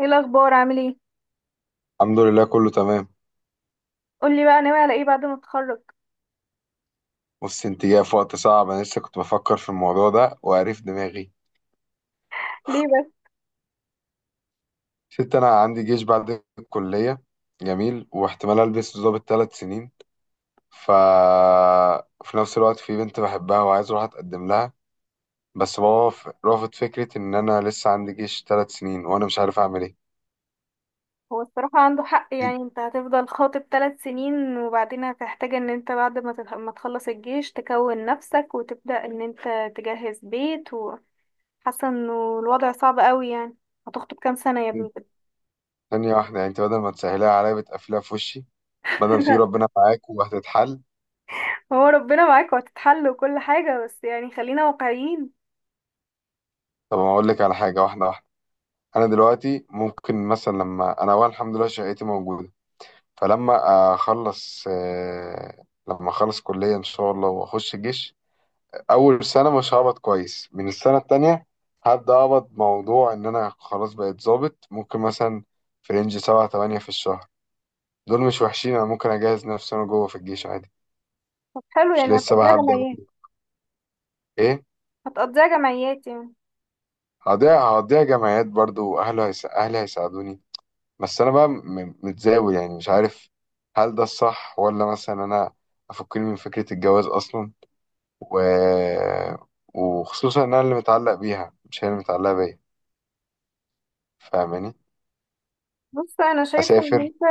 ايه الاخبار؟ عامل ايه؟ الحمد لله، كله تمام. قولي بقى، ناوي على ايه بعد ما تتخرج؟ بص، انت جاي في وقت صعب. انا لسه كنت بفكر في الموضوع ده وقريف دماغي. ليه بس؟ ست، انا عندي جيش بعد الكليه. جميل، واحتمال البس ضابط 3 سنين. ف في نفس الوقت في بنت بحبها وعايز اروح اتقدم لها. بس بابا رافض فكره ان انا لسه عندي جيش 3 سنين، وانا مش عارف اعمل ايه. هو الصراحه عنده حق، يعني انت- انت هتفضل خاطب 3 سنين، وبعدين هتحتاج ان انت بعد ما ما تخلص الجيش تكون نفسك وتبدا ان انت تجهز بيت وحاسه انه الوضع صعب قوي يعني. هتخطب كام سنه يا ابني انت- كده؟ ثانيه واحده، يعني انت بدل ما تسهلها عليا بتقفلها في وشي. بدل ما تقولي ربنا معاك وهتتحل. هو ربنا معاك وهتتحل وكل حاجه، بس يعني خلينا واقعيين. طب، انا اقول لك على حاجه واحده واحده. انا دلوقتي ممكن مثلا لما انا، اولا الحمد لله شقتي موجوده. فلما اخلص آه، لما اخلص كليه ان شاء الله واخش الجيش. اول سنه مش هقبض كويس، من السنه التانية هبدا اقبض. موضوع ان انا خلاص بقيت ظابط، ممكن مثلا في رينج 7 8 في الشهر. دول مش وحشين. انا ممكن اجهز نفسي انا جوه في الجيش عادي. طب حلو، مش يعني لسه بقى هتقضيها هبدا جمعيات؟ بقى- ايه. هتقضيها جمعيات يعني؟ هضيع جمعيات برضو، اهلي هيساعدوني. بس انا بقى متزاول، يعني مش عارف. هل ده الصح، ولا مثلا انا افكني من فكرة الجواز اصلا؟ و... وخصوصا ان انا اللي متعلق بيها مش هي اللي متعلقة بيا. فاهماني؟ بص، انا شايفه ان اسافر. انت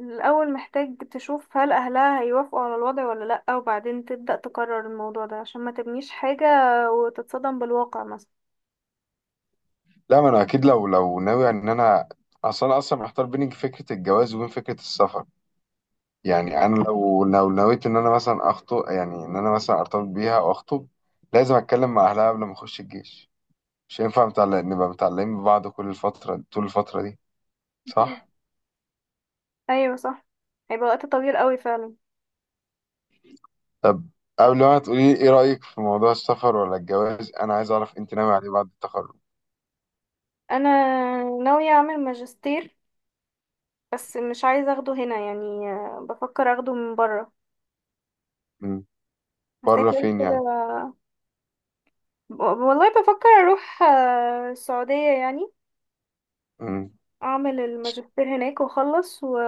الاول محتاج تشوف هل اهلها هيوافقوا على الوضع ولا لا، وبعدين تبدا تقرر الموضوع ده عشان ما تبنيش حاجه وتتصدم بالواقع مثلا. لا، ما انا اكيد لو ناوي ان انا، اصلا انا اصلا محتار بين فكرة الجواز وبين فكرة السفر. يعني انا لو نويت ان انا مثلا اخطب، يعني ان انا مثلا ارتبط بيها او اخطب، لازم اتكلم مع اهلها قبل ما اخش الجيش. مش هينفع نبقى متعلقين ببعض كل الفترة طول الفترة دي، أكيد. صح؟ ايوه، صح. هيبقى وقت طويل قوي فعلا. طب، قبل ما تقولي ايه رأيك في موضوع السفر ولا الجواز، انا عايز اعرف انت ناوي عليه بعد التخرج؟ انا ناويه اعمل ماجستير، بس مش عايزه اخده هنا يعني. بفكر اخده من بره، مم. بره هسافر فين كده. يعني؟ والله بفكر اروح السعوديه يعني، مم. اعمل إش- الماجستير هناك واخلص و.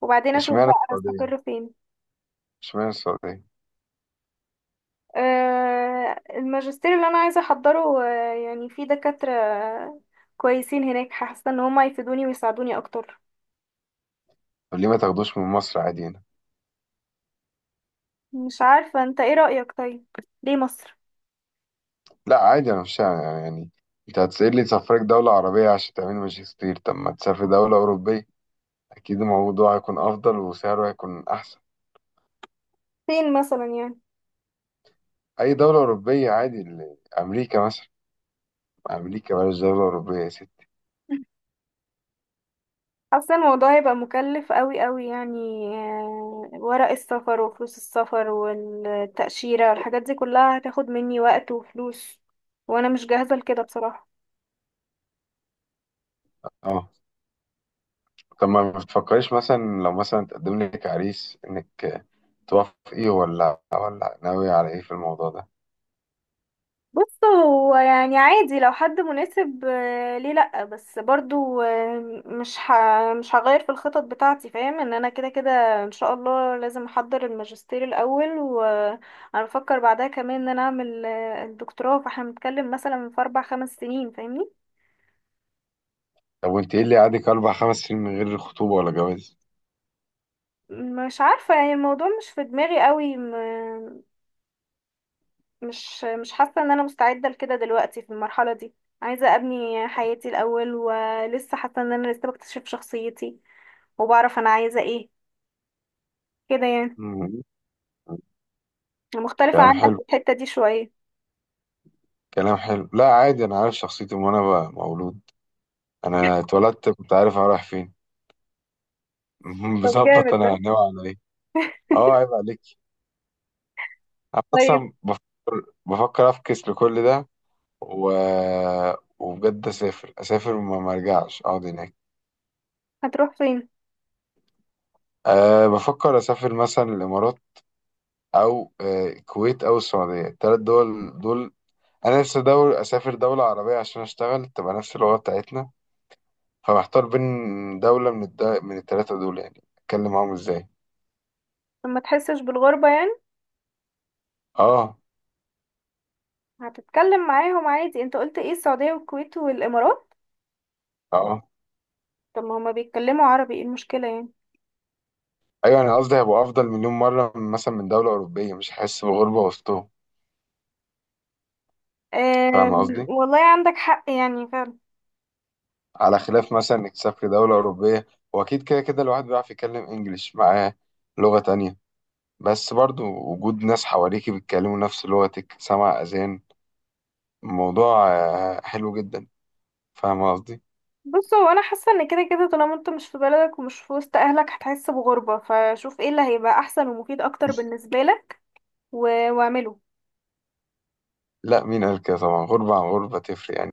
وبعدين اشوف اشمعنى بقى السعودية؟ هستقر فين. اشمعنى السعودية؟ الماجستير اللي انا عايزه احضره، يعني في دكاتره كويسين هناك، حاسه ان هما يفيدوني ويساعدوني اكتر. طب ليه ما تاخدوش من مصر عادي هنا؟ مش عارفه، انت ايه رايك؟ طيب، ليه مصر؟ لا عادي، انا مش يعني. انت هتسألني تسافرك دولة عربية عشان تعمل ماجستير؟ طب ما تسافر دولة أوروبية، اكيد الموضوع هيكون افضل وسعره هيكون احسن. فين مثلا يعني؟ اي دولة أوروبية عادي، امريكا مثلا. امريكا، بلاش دولة أوروبية يا حاسه الموضوع هيبقى مكلف قوي قوي يعني، ورق السفر وفلوس السفر والتاشيره والحاجات دي كلها هتاخد مني وقت وفلوس، وانا مش جاهزه لكده بصراحه. ست. طب ما بتفكريش مثلا لو مثلا تقدم لك عريس انك توافقي، ولا ناوي على ايه في الموضوع ده؟ بص، هو يعني عادي لو حد مناسب، ليه لأ، بس برضو مش هغير في الخطط بتاعتي، فاهم ان انا كده كده. ان شاء الله، لازم احضر الماجستير الاول، وانا بفكر بعدها كمان ان انا اعمل الدكتوراه، فاحنا بنتكلم مثلا في 4 5 سنين، فاهمني؟ طب وانت ايه اللي قعدك 4 5 سنين من غير خطوبة ولا جواز؟ مش عارفة يعني، الموضوع مش في دماغي قوي مش حاسة ان انا مستعدة لكده دلوقتي في المرحلة دي. عايزة ابني حياتي الاول، ولسه حاسة ان انا لسه بكتشف شخصيتي، وبعرف انا عايزة ايه، كده يعني. مم. مختلفة كلام عنك حلو. في الحتة دي شوية. كلام حلو، لا عادي، انا عارف شخصيتي من وانا بقى مولود. انا اتولدت كنت عارف انا رايح فين. طب بظبط جامد ده! انا ناوي على ايه. اه، عيب عليك. انا طيب، اصلا بفكر افكس لكل ده. و... وبجد اسافر وما ما ارجعش اقعد هناك. هتروح فين؟ أه، بفكر أسافر مثلا الإمارات، أو الكويت، أو السعودية. التلات دول. أنا نفسي دول أسافر دولة عربية عشان أشتغل، تبقى نفس اللغة بتاعتنا. فمحتار بين دولة من التلاتة دول، يعني أتكلم معاهم إزاي؟ لما تحسش بالغربة يعني؟ أه. هتتكلم معاهم عادي، انت قلت ايه؟ السعودية والكويت والامارات. أه. طب ما هما بيتكلموا عربي، ايه المشكلة يعني؟ أيوة، أنا قصدي هيبقى أفضل مليون مرة مثلا من دولة أوروبية، مش هحس بغربة وسطهم. فاهم قصدي؟ والله عندك حق يعني فعلا. على خلاف مثلا إنك تسافر دولة أوروبية، وأكيد كده كده الواحد بيعرف يتكلم إنجليش معاه، لغة تانية. بس برضو وجود ناس حواليكي بيتكلموا نفس لغتك، سمع أذان، الموضوع حلو جدا. فاهم قصدي؟ بص، هو انا حاسة ان كده كده طالما انت مش في بلدك ومش في وسط اهلك هتحس بغربة، فشوف ايه اللي هيبقى احسن ومفيد اكتر بالنسبة لك، واعمله. لا، مين قال كده؟ طبعا غربة عن غربة تفرق يعني.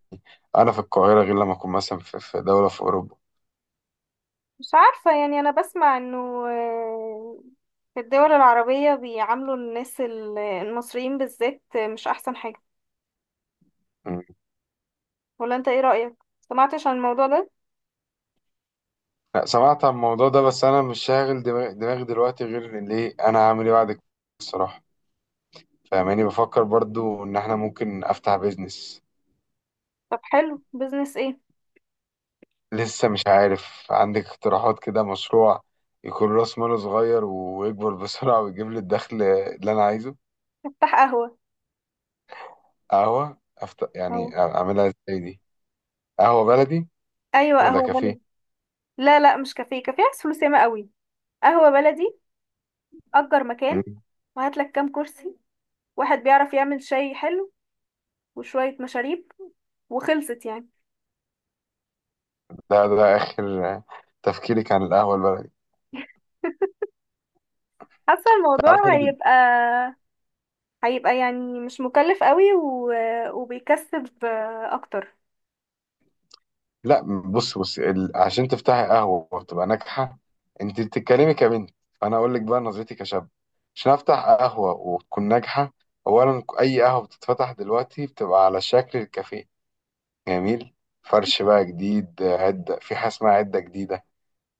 أنا في القاهرة غير لما أكون مثلا في دولة في أوروبا. مش عارفة يعني، أنا بسمع إنه آه، في الدول العربية بيعاملوا الناس المصريين بالذات مش أحسن حاجة. مم. ولا أنت إيه رأيك؟ سمعتش عن الموضوع ده؟ لا، سمعت عن الموضوع ده، بس أنا مش شاغل دماغي دلوقتي غير إن ليه أنا هعمل إيه بعد كده، الصراحة. فاهماني؟ بفكر برضو إن إحنا ممكن أفتح بيزنس. طب حلو، بيزنس إيه؟ لسه مش عارف، عندك اقتراحات؟ كده مشروع يكون راس ماله صغير ويكبر بسرعة ويجيب لي الدخل اللي أنا عايزه. افتح قهوة. قهوة أهو. يعني أعملها إزاي دي؟ قهوة بلدي أيوة، ولا قهوة كافيه؟ بلدي. لا، لا، مش كافيه. كافيه عايز فلوس ياما قوي. قهوة بلدي، أجر مم. مكان، وهاتلك كام كرسي، واحد بيعرف يعمل شاي حلو، وشوية مشاريب، وخلصت يعني. ده آخر تفكيرك عن القهوة البلدي؟ حاسة الموضوع تعرف، أنا هيبقى يعني مش مكلف قوي، و. وبيكسب اكتر. لا. بص عشان تفتحي قهوة وتبقى ناجحة، أنت بتتكلمي كبنت، فأنا أقول لك بقى نظرتي كشاب. عشان أفتح قهوة وتكون ناجحة، أولا أي قهوة بتتفتح دلوقتي بتبقى على شكل الكافيه. جميل. فرش بقى جديد، عدة، في حاجة اسمها عدة جديدة.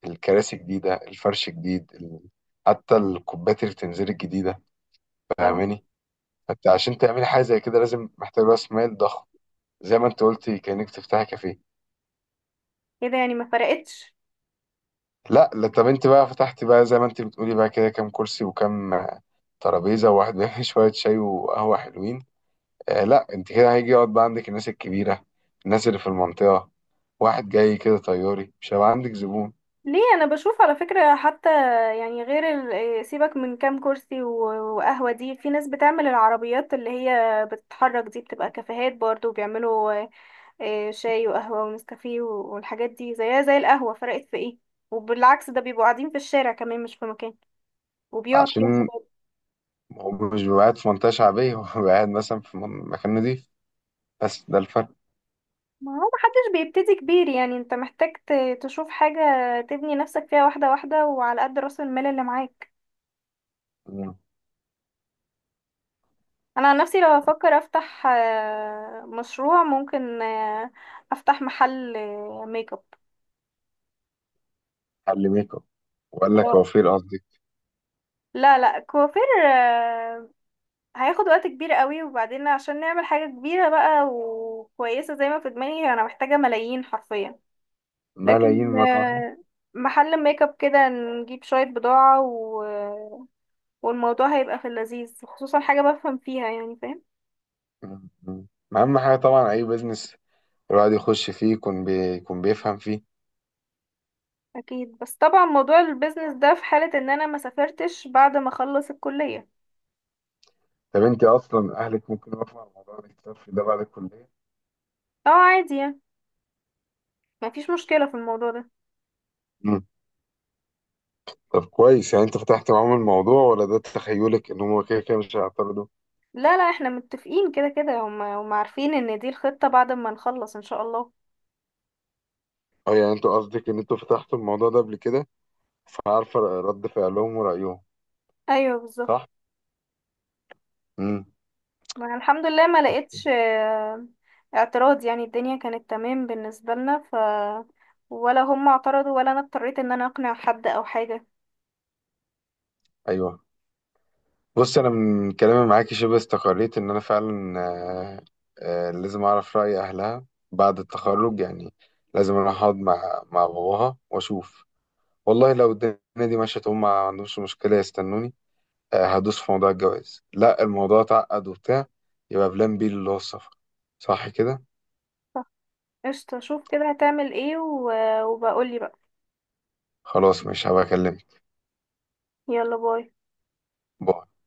الكراسي جديدة، الفرش جديد، حتى الكوبات اللي بتنزل الجديدة، اه، فاهماني؟ فانت عشان تعملي حاجة زي كده لازم محتاج راس مال ضخم، زي ما انت قلتي كأنك تفتحي كافيه. كده يعني ما فرقتش. لا لا، طب انت بقى فتحتي بقى زي ما انت بتقولي بقى كده، كام كرسي وكام ترابيزة وواحد بيعمل شوية شاي وقهوة حلوين؟ آه لا، انت كده هيجي يقعد بقى عندك الناس الكبيرة، الناس اللي في المنطقة. واحد جاي كده طياري مش هيبقى عندك زبون. ليه؟ انا بشوف على فكرة حتى، يعني غير سيبك من كام كرسي وقهوة، دي في ناس بتعمل العربيات اللي هي بتتحرك دي بتبقى كافيهات برضو بيعملوا شاي وقهوة ونسكافيه والحاجات دي زيها زي القهوة، فرقت في ايه؟ وبالعكس، ده بيبقوا قاعدين في الشارع كمان مش في مكان وبيقعد فيها. عشان هو مش بيبقى قاعد في منطقة شعبية، هو بيبقى قاعد مثلا في مكان نضيف. بس ده الفرق. ما هو محدش بيبتدي كبير يعني، انت محتاج تشوف حاجة تبني نفسك فيها واحدة واحدة، وعلى قد رأس المال اللي معاك. مم. انا عن نفسي لو افكر افتح مشروع، ممكن افتح محل ميك اب. حل ميك اب، وقال لك اه، وفير قصدي. لا، لا، كوافير، هياخد وقت كبير قوي، وبعدين عشان نعمل حاجة كبيرة بقى وكويسة زي ما في دماغي انا محتاجة ملايين حرفيا. ملايين لكن مرة واحدة. محل ميك اب كده نجيب شوية بضاعة، والموضوع هيبقى في اللذيذ، خصوصا حاجة بفهم فيها يعني، فاهم؟ مم. مم. أهم حاجة طبعا أي بيزنس الواحد يخش فيه يكون يكون بيفهم فيه. اكيد، بس طبعا موضوع البيزنس ده في حالة ان انا ما سافرتش بعد ما اخلص الكلية. طب أنت أصلا أهلك ممكن يوافقوا على موضوع الاكتشاف ده بعد الكلية؟ اه، عادي يعني، ما فيش مشكلة في الموضوع ده. مم. طب كويس، يعني أنت فتحت معاهم الموضوع، ولا ده تخيلك إن هما كده كده مش هيعترضوا؟ لا، لا، احنا متفقين كده كده، هم عارفين ان دي الخطة بعد ما نخلص ان شاء الله. أه، يعني أنتوا قصدك إن أنتوا فتحتوا الموضوع ده قبل كده، فعارفة رد فعلهم ورأيهم، ايوه، بالظبط. صح؟ مم. ما الحمد لله ما لقيتش اعتراض، يعني الدنيا كانت تمام بالنسبة لنا. ولا هم اعترضوا ولا انا اضطريت ان انا اقنع حد او حاجة. أيوه. بص، انا من كلامي معاكي شبه استقريت ان انا فعلا لازم اعرف راي اهلها بعد التخرج يعني. لازم اروح اقعد مع باباها واشوف. والله لو الدنيا دي مشيت، هم ما عندهمش مشكله يستنوني، هدوس في موضوع الجواز. لا، الموضوع اتعقد وبتاع، يبقى بلان بي اللي هو السفر، صح كده؟ قشطة، شوف كده هتعمل ايه، و. وبقولي بقى. خلاص، مش هبقى اكلمك. يلا، باي. باي.